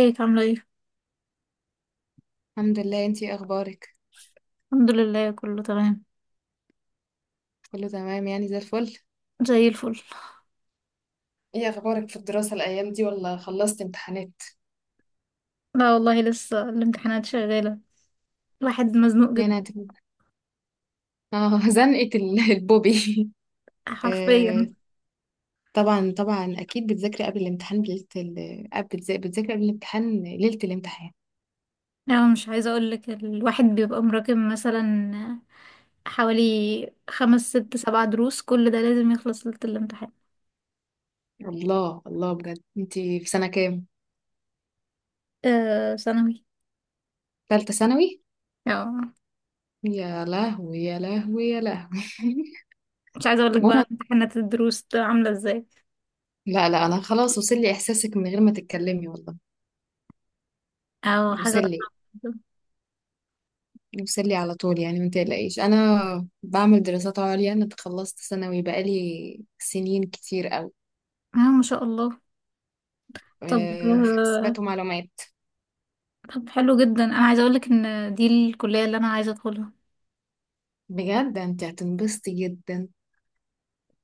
ازيك عاملة ايه؟ الحمد لله. انتي ايه اخبارك؟ الحمد لله، كله تمام. كله تمام، يعني زي الفل. زي الفل. ايه اخبارك في الدراسة الايام دي، ولا خلصت امتحانات؟ لا والله، لسه الامتحانات شغالة. الواحد مزنوق جدا. يعني هت- اه، زنقة البوبي. حرفيا. آه. طبعا طبعا، اكيد بتذاكري قبل الامتحان بليلة آه، بتذاكري قبل الامتحان ليلة الامتحان. يعني مش عايزة اقولك، الواحد بيبقى مراكم مثلا حوالي خمس ست سبع دروس، كل ده لازم يخلص ليلة الامتحان. الله الله، بجد انتي في سنة كام؟ آه ثانوي. تالتة ثانوي. اه. يا لهوي يا لهوي يا لهوي. مش عايزة اقولك بقى عموما، امتحانات الدروس ده عاملة ازاي، لا انا خلاص، وصل لي احساسك من غير ما تتكلمي والله. او حاجة وصل لي. صعبة جدا. نفصل لي على طول يعني، ما تقلقيش، انا بعمل دراسات عليا، انا تخلصت ثانوي بقالي سنين كتير قوي. اه ما شاء الله. طب أه، حسابات ومعلومات. طب حلو جدا، انا عايزة اقولك ان دي الكلية اللي انا عايزة ادخلها. بجد انت هتنبسطي جدا.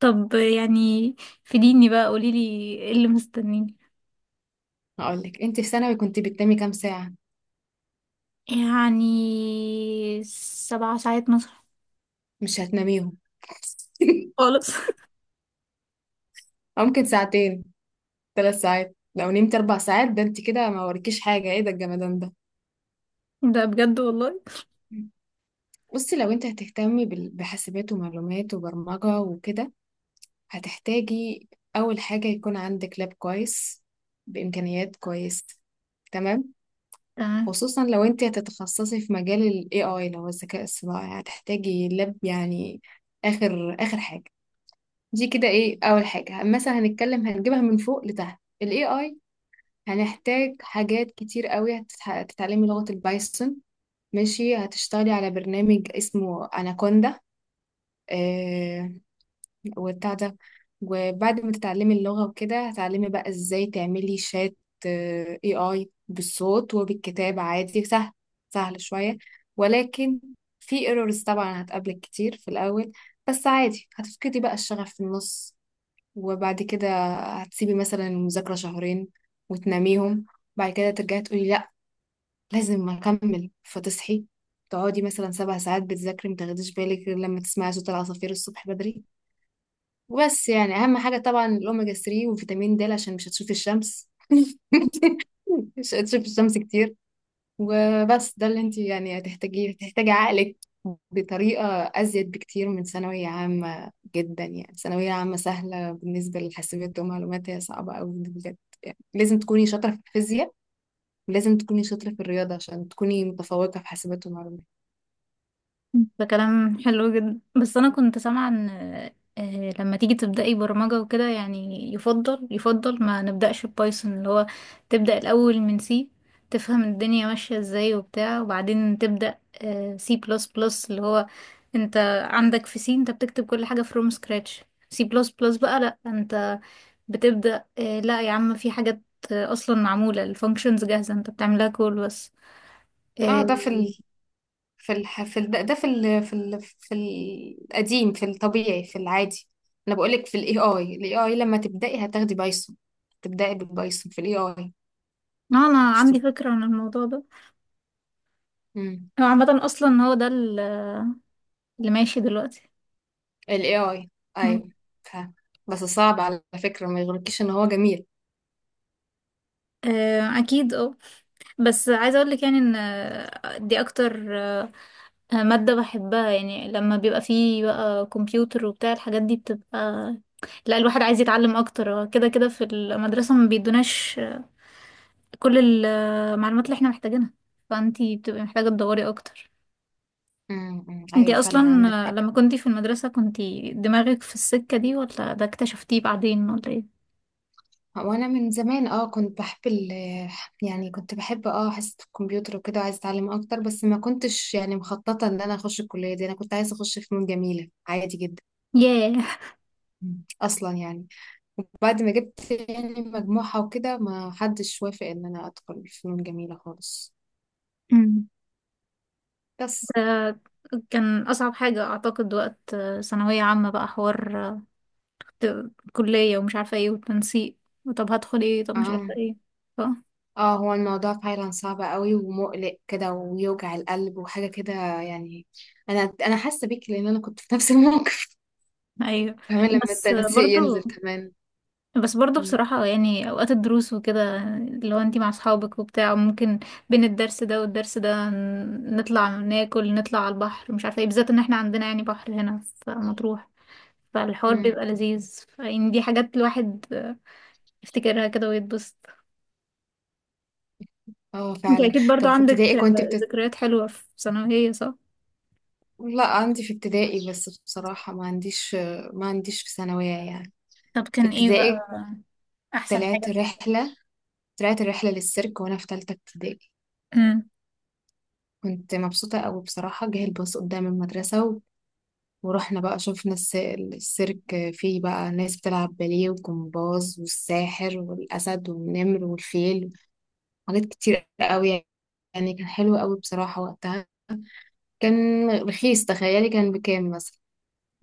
طب يعني فيديني بقى، قوليلي ايه اللي مستنيني. هقولك انت في ثانوي كنت بتنامي كام ساعة؟ يعني سبع ساعات مثلا. مش هتناميهم. خالص. أو ممكن ساعتين، ثلاث ساعات، لو نمت اربع ساعات ده انت كده ما وريكيش حاجة، ايه ده الجمدان ده؟ ده بجد والله. بصي، لو انت هتهتمي بحاسبات ومعلومات وبرمجة وكده، هتحتاجي أول حاجة يكون عندك لاب كويس بإمكانيات كويسة، تمام؟ تمام. خصوصا لو انت هتتخصصي في مجال ال AI اللي هو الذكاء الصناعي، هتحتاجي لاب يعني آخر آخر حاجة. دي كده ايه، أول حاجة مثلا هنتكلم هنجيبها من فوق لتحت، ال AI هنحتاج حاجات كتير قوي. هتتعلمي لغة البايثون، ماشي، هتشتغلي على برنامج اسمه أناكوندا وبتاع ده، وبعد ما تتعلمي اللغة وكده هتعلمي بقى ازاي تعملي شات آه، AI بالصوت وبالكتاب، عادي سهل، سهل شوية، ولكن في ايرورز طبعا هتقابلك كتير في الأول، بس عادي، هتفقدي بقى الشغف في النص وبعد كده هتسيبي مثلا المذاكرة شهرين وتناميهم، بعد كده ترجعي تقولي لأ لازم أكمل، فتصحي تقعدي مثلا سبع ساعات بتذاكري، متاخديش بالك غير لما تسمعي صوت العصافير الصبح بدري. وبس، يعني اهم حاجه طبعا الاوميجا 3 وفيتامين د، عشان مش هتشوفي الشمس. مش هتشوفي الشمس كتير. وبس، ده اللي انت يعني هتحتاجيه، هتحتاجي عقلك بطريقه ازيد بكتير من ثانويه عامه جدا، يعني ثانويه عامه سهله بالنسبه للحاسبات ومعلومات، هي صعبه قوي بجد. يعني لازم تكوني شاطره في الفيزياء، ولازم تكوني شاطره في الرياضه عشان تكوني متفوقه في حاسبات ومعلومات. ده كلام حلو جدا، بس انا كنت سامعه ان لما تيجي تبداي برمجه وكده، يعني يفضل ما نبداش ببايثون اللي هو، تبدا الاول من سي، تفهم الدنيا ماشيه ازاي وبتاع، وبعدين تبدا سي بلس بلس. اللي هو انت عندك في سي، انت بتكتب كل حاجه فروم سكراتش. سي بلس بلس بقى لا، انت بتبدا لا يا عم، في حاجات اصلا معموله، الفانكشنز جاهزه، انت بتعملها كول بس. اه آه، ده في في الح... في ال... ده ده في ال... في ال... في القديم، في الطبيعي، في العادي. انا بقولك في الاي اي، الاي اي لما تبدأي هتاخدي بايثون، تبدأي بالبايثون في الاي اي. انا مش تب... عندي فكره عن الموضوع ده. مم. هو عامة أصلا هو ده اللي ماشي دلوقتي. الاي اي، مم. ايوه. ف... بس صعب على فكرة، ما يغركيش ان هو جميل. أكيد اه. بس عايزة أقولك يعني إن دي أكتر مادة بحبها. يعني لما بيبقى فيه بقى كمبيوتر وبتاع، الحاجات دي بتبقى، لا، الواحد عايز يتعلم أكتر. هو كده كده في المدرسة ما بيدوناش كل المعلومات اللي احنا محتاجينها، فأنتي بتبقي محتاجة تدوري أكتر. مم. مم. انتي ايوه أصلا فعلا، عندك حق. لما كنتي في المدرسة كنتي دماغك في السكة دي، ولا ده اكتشفتيه بعدين، ولا ايه؟ وانا من زمان اه كنت بحب يعني كنت بحب اه حصة الكمبيوتر وكده، وعايزة اتعلم اكتر، بس ما كنتش يعني مخططة ان انا اخش الكلية دي، انا كنت عايزة اخش فنون جميلة عادي جدا. ياه. مم. اصلا يعني بعد ما جبت يعني مجموعة وكده ما حدش وافق ان انا ادخل فنون جميلة خالص. بس آه، كان أصعب حاجة أعتقد وقت ثانوية عامة، بقى حوار كلية، ومش عارفة ايه، والتنسيق، طب هدخل ايه، طب مش عارفة اه ايه. ف... اه، هو الموضوع فعلا صعب قوي ومقلق كده ويوجع القلب وحاجة كده، يعني انا حاسة بيك لان انا كنت في نفس الموقف. أيوه. كمان لما بس التنسيق برضو، ينزل كمان. بس برضو مم. بصراحة، يعني أوقات الدروس وكده، لو انتي مع أصحابك وبتاع، ممكن بين الدرس ده والدرس ده نطلع ناكل، نطلع على البحر، مش عارفة ايه، بالذات ان احنا عندنا يعني بحر هنا في مطروح. فالحوار مم. بيبقى لذيذ. يعني دي حاجات الواحد يفتكرها كده ويتبسط. اه انت فعلا. اكيد برضو طب في عندك ابتدائي كنت ذكريات حلوة في ثانوية، صح؟ لا، عندي في ابتدائي، بس بصراحة ما عنديش، ما عنديش في ثانوية يعني. طب كان في ايه ابتدائي بقى احسن طلعت حاجة؟ رحلة، طلعت الرحلة للسيرك وأنا في تالتة ابتدائي. امم. كنت مبسوطة أوي بصراحة، جه الباص قدام المدرسة ورحنا بقى شفنا السيرك، فيه بقى ناس بتلعب باليه وجمباز، والساحر والأسد والنمر والفيل، حاجات كتير أوي. يعني كان حلو أوي بصراحة وقتها. كان رخيص، تخيلي كان بكام مثلا؟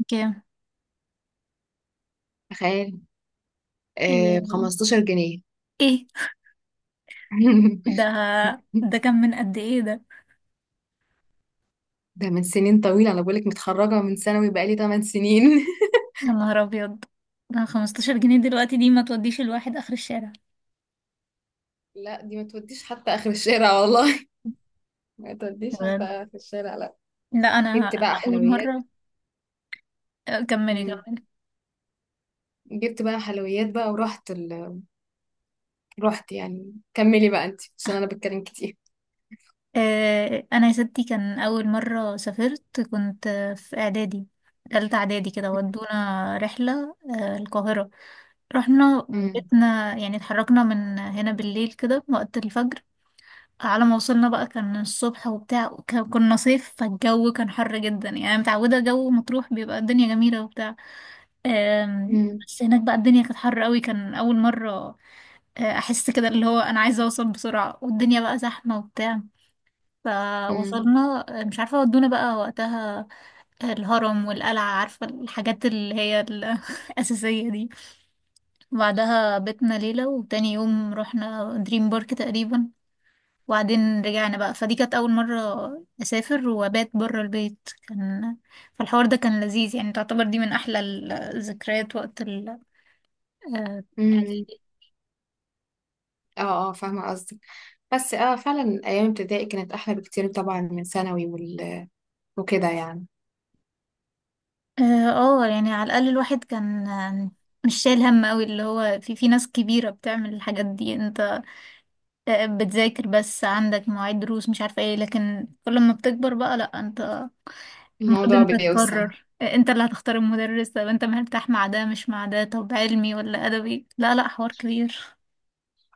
كام؟ تخيل، آه ايه؟ بخمستاشر جنيه. ايه؟ ده، ده كان من قد ايه ده؟ ده من سنين طويلة، أنا بقولك متخرجة من ثانوي بقالي 8 سنين. يا نهار ابيض. ده 15 جنيه دلوقتي دي ما توديش الواحد اخر الشارع. لا دي ما توديش حتى آخر الشارع والله. ما توديش حتى بجد. آخر الشارع. لا جبت انا، بقى اول حلويات. مرة. كملي مم. كملي. جبت بقى حلويات بقى ورحت رحت يعني، كملي بقى انت عشان انا بتكلم كتير. انا يا ستي كان اول مرة سافرت، كنت في اعدادي، تالتة اعدادي كده، ودونا رحلة القاهرة. رحنا، مم. بيتنا يعني. اتحركنا من هنا بالليل كده وقت الفجر، على ما وصلنا بقى كان الصبح وبتاع، وك- كنا صيف فالجو كان حر جدا. يعني أنا متعودة جو مطروح بيبقى الدنيا جميلة وبتاع، مم. بس هناك بقى الدنيا كانت حر قوي. كان أول مرة أحس كده اللي هو أنا عايزة أوصل بسرعة، والدنيا بقى زحمة وبتاع. مم. فوصلنا مش عارفة ودونا بقى وقتها الهرم والقلعة، عارفة الحاجات اللي هي الأساسية دي. وبعدها بيتنا ليلة، وتاني يوم رحنا دريم بارك تقريبا، وبعدين رجعنا بقى. فدي كانت أول مرة أسافر وأبات برا البيت. كان فالحوار ده كان لذيذ، يعني تعتبر دي من أحلى الذكريات وقت ال، اه. مم. اه اه، فاهمة قصدك. بس اه فعلا ايام ابتدائي كانت احلى بكتير طبعا من ثانوي وكده يعني. آه، يعني على الأقل الواحد كان مش شايل هم أوي. اللي هو في ناس كبيرة بتعمل الحاجات دي، انت بتذاكر بس عندك مواعيد دروس، مش عارفة ايه. لكن كل ما بتكبر بقى لأ، انت المفروض الموضوع انت بيوسع. تقرر انت اللي هتختار المدرس، طب انت مرتاح مع ده مش مع ده، طب علمي ولا ادبي، لا لا حوار كبير.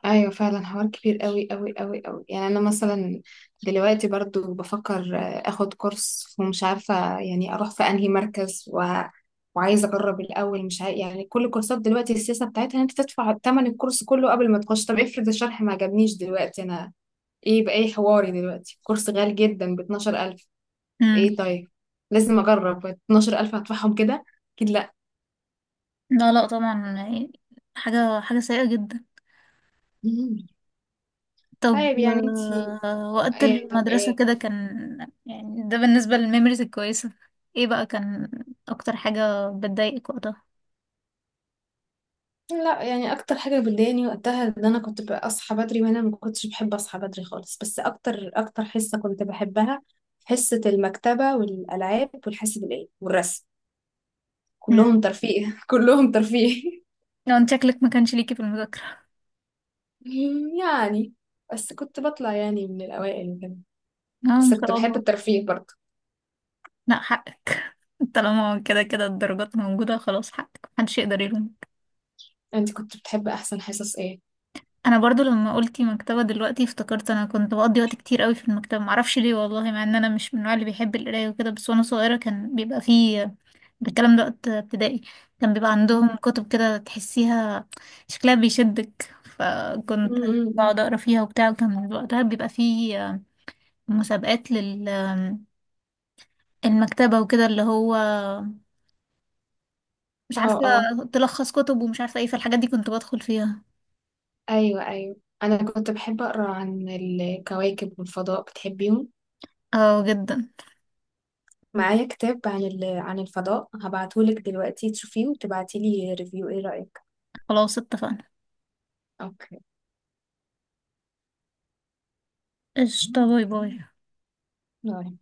ايوه فعلا، حوار كبير قوي قوي قوي قوي. يعني انا مثلا دلوقتي برضو بفكر آه، اخد كورس ومش عارفه يعني اروح في انهي مركز وعايزه اجرب الاول، مش عارف يعني كل كورسات دلوقتي السياسه بتاعتها ان انت تدفع ثمن الكورس كله قبل ما تخش، طب افرض الشرح ما عجبنيش، دلوقتي انا ايه بقى، ايه حواري؟ دلوقتي كورس غالي جدا ب 12000، امم. ايه طيب، لازم اجرب، 12000 هدفعهم كده؟ اكيد لا. لا لا، طبعا يعني حاجة سيئة جدا. مم. طب طيب يعني انت وقت إيه؟ طب المدرسة إيه؟ كده كان يعني ده بالنسبة للميموريز الكويسة. ايه بقى كان اكتر حاجة بتضايقك وقتها؟ لا يعني اكتر حاجه بتضايقني وقتها ان انا كنت بقى اصحى بدري، وانا ما كنتش بحب اصحى بدري خالص. بس اكتر اكتر حصه كنت بحبها، حصه المكتبه والالعاب والحاسب الالي والرسم، امم. كلهم ترفيه. كلهم ترفيه. لو انت شكلك ما كانش ليكي في المذاكرة. يعني بس كنت بطلع يعني من الاوائل وكده، اه ما بس شاء كنت بحب الله. الترفيه برضه. لا حقك، طالما كده كده الدرجات موجودة خلاص، حقك محدش يقدر يلومك. انت كنت بتحب احسن حصص ايه؟ انا برضو لما قلتي مكتبة دلوقتي افتكرت، انا كنت بقضي وقت كتير قوي في المكتبة، معرفش ليه والله، مع ان انا مش من النوع اللي بيحب القراية وكده. بس وانا صغيرة كان بيبقى فيه بالكلام ده وقت ابتدائي، كان بيبقى عندهم كتب كده تحسيها شكلها بيشدك، فكنت م-م-م. بقعد اقرا فيها وبتاع. وكان وقتها بيبقى فيه مسابقات لل، المكتبة وكده اللي هو، مش اه عارفة، اه، تلخص كتب ومش عارفة ايه. فالحاجات دي كنت بدخل فيها. ايوه ايوه. انا كنت بحب اقرا عن الكواكب والفضاء، بتحبيهم؟ اه جدا. معايا كتاب عن عن الفضاء، هبعتهولك دلوقتي تشوفيه وتبعتيلي ريفيو، ايه رأيك؟ خلاص اتفقنا. اوكي، قشطة، باي باي. باي.